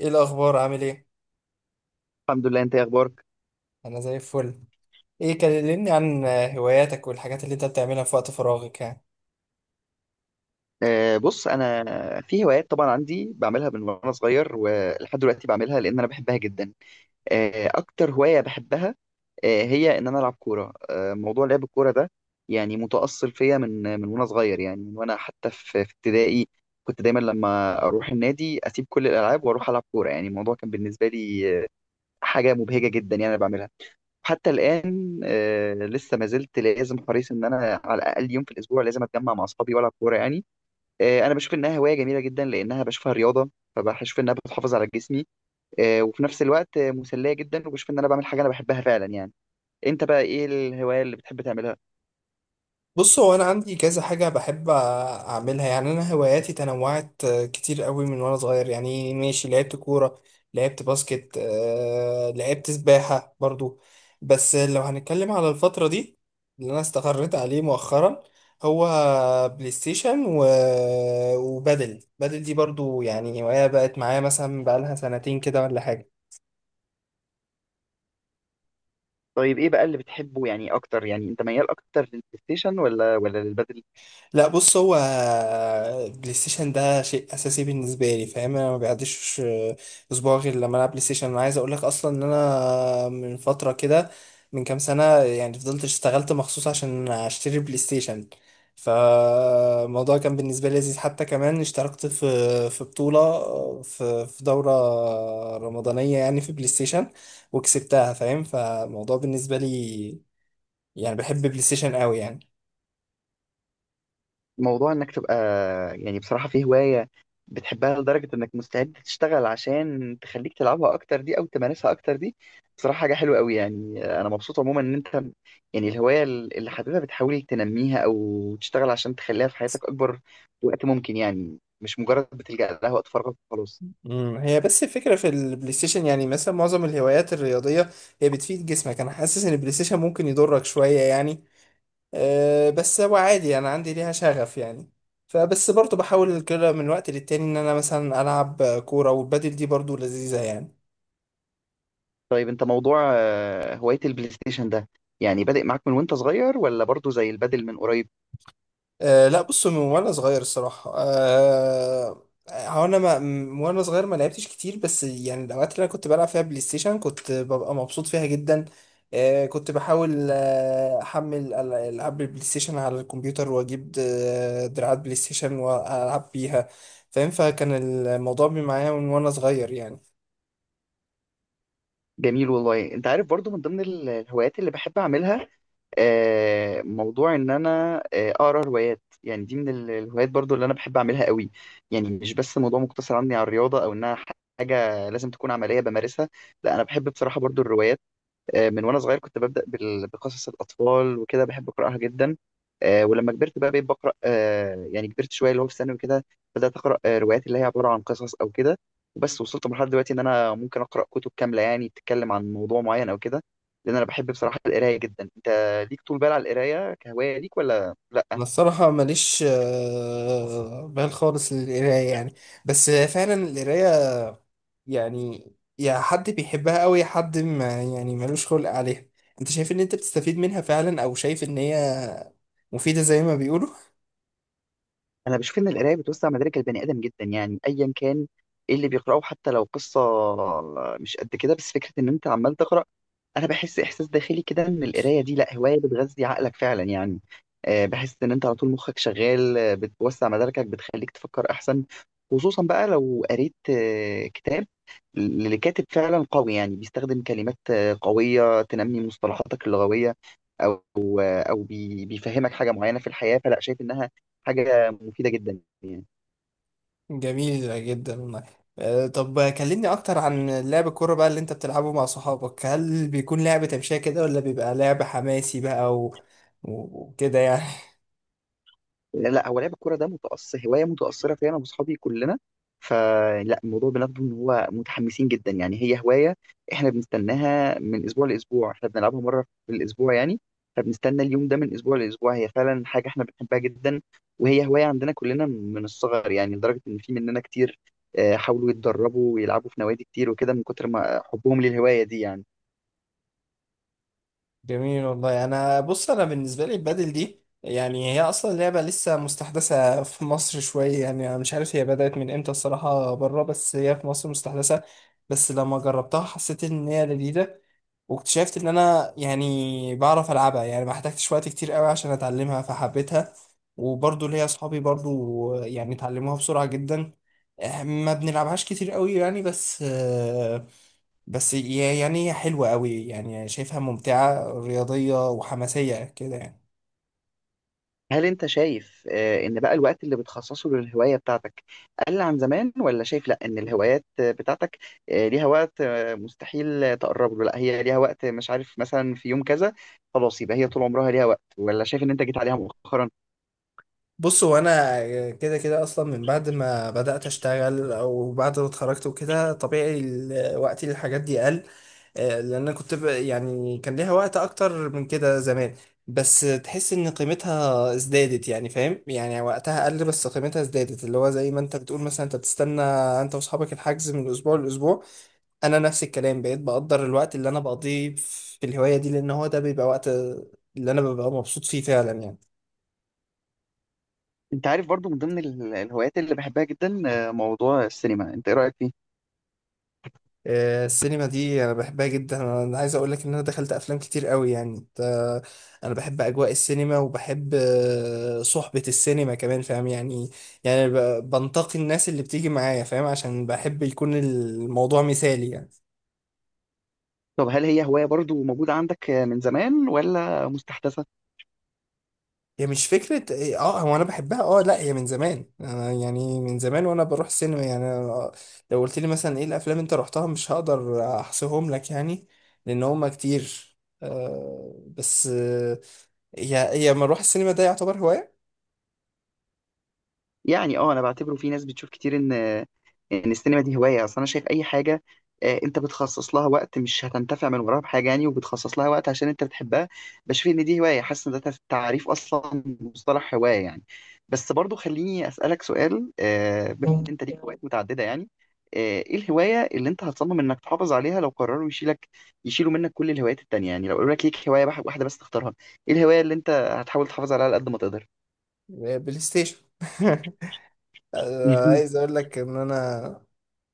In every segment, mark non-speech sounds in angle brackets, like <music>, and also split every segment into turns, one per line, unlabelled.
ايه الاخبار؟ عامل ايه؟
الحمد لله. انت ايه اخبارك؟
انا زي الفل. ايه، كلمني عن هواياتك والحاجات اللي انت بتعملها في وقت فراغك يعني.
بص، انا في هوايات طبعا عندي بعملها من وانا صغير ولحد دلوقتي بعملها لان انا بحبها جدا. اكتر هواية بحبها هي ان انا العب كورة. موضوع لعب الكورة ده يعني متأصل فيا من وانا صغير، يعني من وانا حتى في ابتدائي. كنت دايما لما اروح النادي اسيب كل الالعاب واروح العب كورة، يعني الموضوع كان بالنسبة لي حاجة مبهجة جدا يعني انا بعملها حتى الان. لسه ما زلت لازم حريص ان انا على الاقل يوم في الاسبوع لازم اتجمع مع اصحابي والعب كورة يعني. انا بشوف انها هوايه جميله جدا لانها بشوفها رياضه، فبشوف انها بتحافظ على جسمي وفي نفس الوقت مسليه جدا، وبشوف ان انا بعمل حاجه انا بحبها فعلا يعني. انت بقى ايه الهوايه اللي بتحب تعملها؟
بص، هو انا عندي كذا حاجه بحب اعملها. يعني انا هواياتي تنوعت كتير قوي من وانا صغير. يعني ماشي، لعبت كوره، لعبت باسكت، لعبت سباحه برضو. بس لو هنتكلم على الفتره دي، اللي انا استقريت عليه مؤخرا هو بلاي ستيشن وبادل دي برضو يعني هوايه بقت معايا، مثلا بقالها سنتين كده ولا حاجه.
طيب ايه بقى اللي بتحبه يعني اكتر؟ يعني انت ميال اكتر للبلاي ستيشن ولا للبادل؟
لا، بص، هو بلاي ستيشن ده شيء اساسي بالنسبه لي، فاهم. انا ما بيعديش اسبوع غير لما العب بلاي ستيشن. انا عايز اقول لك اصلا ان انا من فتره كده، من كام سنه يعني، فضلت اشتغلت مخصوص عشان اشتري بلاي ستيشن. فالموضوع كان بالنسبه لي لذيذ، حتى كمان اشتركت في بطوله، في دوره رمضانيه يعني في بلاي ستيشن وكسبتها، فاهم. فالموضوع بالنسبه لي، يعني بحب بلاي ستيشن قوي يعني.
موضوع انك تبقى يعني بصراحة في هواية بتحبها لدرجة انك مستعد تشتغل عشان تخليك تلعبها اكتر دي او تمارسها اكتر دي، بصراحة حاجة حلوة قوي. يعني انا مبسوط عموما ان انت يعني الهواية اللي حاببها بتحاول تنميها او تشتغل عشان تخليها في حياتك اكبر وقت ممكن، يعني مش مجرد بتلجأ لها وقت فراغك وخلاص.
هي بس الفكرة في البلاي ستيشن، يعني مثلا معظم الهوايات الرياضية هي بتفيد جسمك. انا حاسس ان البلاي ستيشن ممكن يضرك شوية يعني. أه، بس هو عادي، انا عندي ليها شغف يعني. فبس برضو بحاول كده من وقت للتاني ان انا مثلا العب كورة، والبادل دي برضو لذيذة يعني.
طيب انت موضوع هواية البلاي ستيشن ده يعني بادئ معاك من وانت صغير ولا برضو زي البادل من قريب؟
أه لا، بص، من وانا صغير الصراحة. أه هو انا ما م- وانا صغير ما لعبتش كتير، بس يعني الاوقات اللي انا كنت بلعب فيها بلاي ستيشن كنت ببقى مبسوط فيها جدا. أه، كنت بحاول احمل العاب البلاي ستيشن على الكمبيوتر، واجيب دراعات بلاي ستيشن والعب بيها، فاهم. فكان الموضوع معايا من وانا صغير يعني.
جميل والله. انت عارف برضو من ضمن الهوايات اللي بحب اعملها موضوع ان انا اقرا روايات، يعني دي من الهوايات برضو اللي انا بحب اعملها قوي. يعني مش بس موضوع مقتصر عني على الرياضة او انها حاجة لازم تكون عملية بمارسها. لا، انا بحب بصراحة برضو الروايات. من وانا صغير كنت ببدأ بقصص الأطفال وكده بحب أقرأها جدا. ولما كبرت بقى بقيت بقرأ، يعني كبرت شوية اللي هو في ثانوي وكده بدأت أقرأ روايات اللي هي عبارة عن قصص أو كده. وبس وصلت لمرحلة دلوقتي إن أنا ممكن أقرأ كتب كاملة يعني بتتكلم عن موضوع معين أو كده، لأن أنا بحب بصراحة القراية جدا. أنت ليك طول بال على القراية كهواية ليك ولا لأ؟
انا الصراحه ماليش بال خالص للقرايه يعني. بس فعلا القرايه يعني يا حد بيحبها قوي يا حد ما، يعني ملوش خلق عليها. انت شايف ان انت بتستفيد منها فعلا، او شايف ان هي مفيده زي ما بيقولوا؟
أنا بشوف إن القراية بتوسع مدارك البني آدم جدا، يعني أيا كان إيه اللي بيقرأه حتى لو قصة، مش قد كده بس فكرة إن أنت عمال تقرأ. انا بحس احساس داخلي كده ان القرايه دي لا هوايه بتغذي عقلك فعلا يعني. بحس ان انت على طول مخك شغال، بتوسع مداركك بتخليك تفكر احسن، خصوصا بقى لو قريت كتاب لكاتب فعلا قوي يعني بيستخدم كلمات قوية تنمي مصطلحاتك اللغوية، او بيفهمك حاجة معينة في الحياة، فلا شايف انها حاجة مفيدة جدا يعني.
<laughs> جميل جدا والله. طب كلمني اكتر عن لعب الكوره بقى اللي انت بتلعبه مع صحابك. هل بيكون لعب تمشيه كده، ولا بيبقى لعب حماسي بقى وكده يعني؟
لا، هو لعب الكوره ده متأثر هوايه متأثره فيا انا واصحابي كلنا، فلا الموضوع بناخده ان هو متحمسين جدا، يعني هي هوايه احنا بنستناها من اسبوع لاسبوع. احنا بنلعبها مره في الاسبوع يعني، فبنستنى اليوم ده من اسبوع لاسبوع. هي فعلا حاجه احنا بنحبها جدا، وهي هوايه عندنا كلنا من الصغر، يعني لدرجه ان في مننا كتير حاولوا يتدربوا ويلعبوا في نوادي كتير وكده من كتر ما حبهم للهوايه دي يعني.
جميل والله. انا بص، انا بالنسبه لي البادل دي يعني هي اصلا لعبه لسه مستحدثه في مصر شويه. يعني انا مش عارف هي بدات من امتى الصراحه بره، بس هي في مصر مستحدثه. بس لما جربتها حسيت ان هي لذيذه. واكتشفت ان انا يعني بعرف العبها، يعني ما احتاجتش وقت كتير قوي عشان اتعلمها فحبيتها. وبرضو ليا اصحابي برضو يعني اتعلموها بسرعه جدا. ما بنلعبهاش كتير قوي يعني. بس يعني هي حلوة قوي، يعني شايفها ممتعة رياضية وحماسية كده يعني.
هل انت شايف ان بقى الوقت اللي بتخصصه للهواية بتاعتك قل عن زمان، ولا شايف لا ان الهوايات بتاعتك ليها وقت مستحيل تقرب له، لا هي ليها وقت مش عارف مثلا في يوم كذا خلاص يبقى هي طول عمرها ليها وقت، ولا شايف ان انت جيت عليها مؤخرا؟
بص، هو انا كده كده اصلا من بعد ما بدأت اشتغل او بعد ما اتخرجت وكده طبيعي وقتي للحاجات دي قل. لان انا كنت يعني كان ليها وقت اكتر من كده زمان. بس تحس ان قيمتها ازدادت، يعني فاهم. يعني وقتها قل بس قيمتها ازدادت، اللي هو زي ما انت بتقول مثلا انت بتستنى انت واصحابك الحجز من اسبوع لاسبوع. انا نفس الكلام، بقيت بقدر الوقت اللي انا بقضيه في الهوايه دي، لان هو ده بيبقى وقت اللي انا ببقى مبسوط فيه فعلا يعني.
انت عارف برضو من ضمن الهوايات اللي بحبها جدا موضوع السينما، انت ايه رأيك فيه؟
السينما دي انا بحبها جدا. انا عايز اقول لك ان انا دخلت افلام كتير قوي يعني انا بحب اجواء السينما، وبحب صحبه السينما كمان، فاهم. يعني يعني بنتقي الناس اللي بتيجي معايا، فاهم، عشان بحب يكون الموضوع مثالي يعني.
طب هل هي هواية برضو موجودة عندك من زمان ولا مستحدثة؟
هي مش فكرة إيه، اه هو انا بحبها. اه لا، هي من زمان. أنا يعني من زمان وانا بروح السينما. يعني أنا لو قلت لي مثلا ايه الافلام انت رحتها، مش هقدر احصيهم لك يعني، لان هما كتير. بس هي ما اروح السينما، ده يعتبر هواية؟
يعني اه، انا بعتبره في ناس بتشوف كتير ان السينما دي هوايه. اصل انا شايف اي حاجه انت بتخصص لها وقت مش هتنتفع من وراها بحاجه يعني، وبتخصص لها وقت عشان انت بتحبها بشوف ان دي هوايه، حاسس ان ده تعريف اصلا مصطلح هوايه يعني. بس برضو خليني اسالك سؤال، بما ان انت ليك هوايات متعدده يعني، ايه الهوايه اللي انت هتصمم انك تحافظ عليها لو قرروا يشيلوا منك كل الهوايات التانيه يعني، لو قالوا لك ليك هوايه واحده بس تختارها، ايه الهوايه اللي انت هتحاول تحافظ عليها على قد ما تقدر؟
بلاي ستيشن. <laughs>
<laughs>
عايز اقول لك ان انا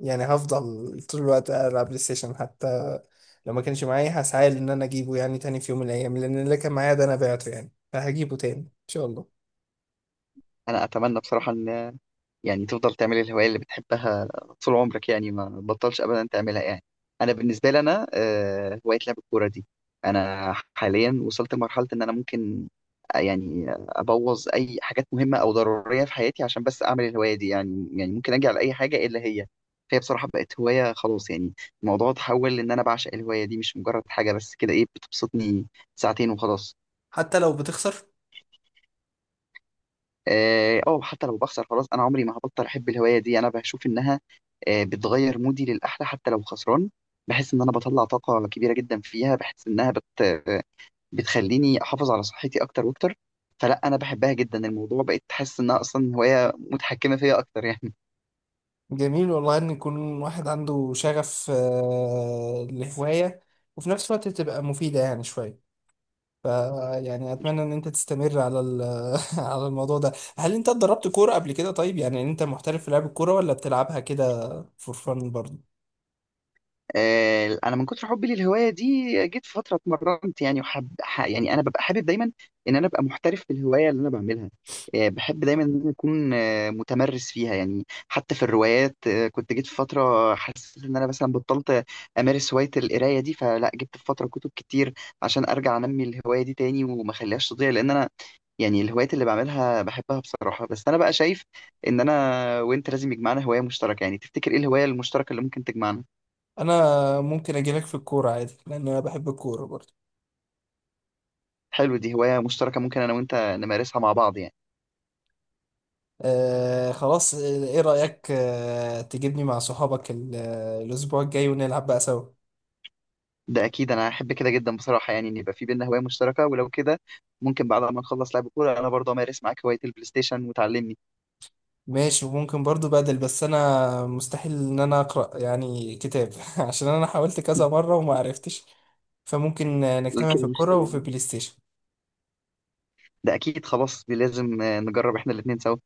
يعني هفضل طول الوقت العب بلاي ستيشن. حتى لو ما كانش معايا هسعى ان انا اجيبه يعني تاني في يوم من الايام، لان اللي كان معايا ده انا بعته يعني، فهجيبه تاني ان شاء الله.
انا اتمنى بصراحه ان يعني تفضل تعمل الهواية اللي بتحبها طول عمرك يعني ما بطلش أبدا تعملها يعني. أنا بالنسبة لي أنا هواية لعب الكورة دي، أنا حاليا وصلت لمرحلة إن أنا ممكن يعني أبوظ أي حاجات مهمة أو ضرورية في حياتي عشان بس أعمل الهواية دي، يعني ممكن أجي على أي حاجة إلا هي. فهي بصراحة بقت هواية خلاص. يعني الموضوع اتحول إن أنا بعشق الهواية دي مش مجرد حاجة بس كده إيه بتبسطني ساعتين وخلاص.
حتى لو بتخسر.
اه، أو حتى لو بخسر خلاص انا عمري ما هبطل احب الهوايه دي. انا بشوف انها بتغير مودي للاحلى حتى لو خسران، بحس ان انا بطلع طاقه كبيره جدا فيها. بحس انها بت... آه، بتخليني احافظ على صحتي اكتر واكتر. فلا انا بحبها جدا. الموضوع بقيت حاسس انها اصلا هوايه متحكمه فيا اكتر يعني.
جميل والله ان يكون واحد عنده شغف لهواية، وفي نفس الوقت تبقى مفيدة يعني شوية. ف يعني اتمنى ان انت تستمر على <laughs> على الموضوع ده. هل انت اتدربت كورة قبل كده؟ طيب، يعني انت محترف في لعب الكورة ولا بتلعبها كده فور فن برضه؟
انا من كتر حبي للهوايه دي جيت في فتره اتمرنت يعني انا ببقى حابب دايما ان انا ابقى محترف في الهوايه اللي انا بعملها. بحب دايما ان أنا اكون متمرس فيها يعني. حتى في الروايات كنت جيت في فتره حسيت ان انا مثلا بطلت امارس هوايه القرايه دي، فلا جبت في فتره كتب كتير عشان ارجع انمي الهوايه دي تاني وما اخليهاش تضيع، لان انا يعني الهوايات اللي بعملها بحبها بصراحه. بس انا بقى شايف ان انا وانت لازم يجمعنا هوايه مشتركه، يعني تفتكر ايه الهوايه المشتركه اللي ممكن تجمعنا؟
انا ممكن اجيلك في الكورة عادي، لان انا بحب الكورة برضه.
حلو، دي هواية مشتركة ممكن أنا وأنت نمارسها مع بعض يعني.
آه خلاص. ايه رأيك تجيبني مع صحابك الاسبوع الجاي ونلعب بقى سوا؟
ده أكيد أنا أحب كده جدا بصراحة يعني إن يبقى في بينا هواية مشتركة ولو كده، ممكن بعد ما نخلص لعب كورة أنا برضه أمارس معاك هواية البلاي ستيشن وتعلمني.
ماشي. وممكن برضو بدل، بس انا مستحيل ان انا اقرا يعني كتاب <laughs> عشان انا حاولت كذا مره وما عرفتش. فممكن نجتمع في
كده
الكوره
مشكلة
وفي
دي.
البلاي ستيشن.
ده أكيد خلاص دي لازم نجرب إحنا الاتنين سوا.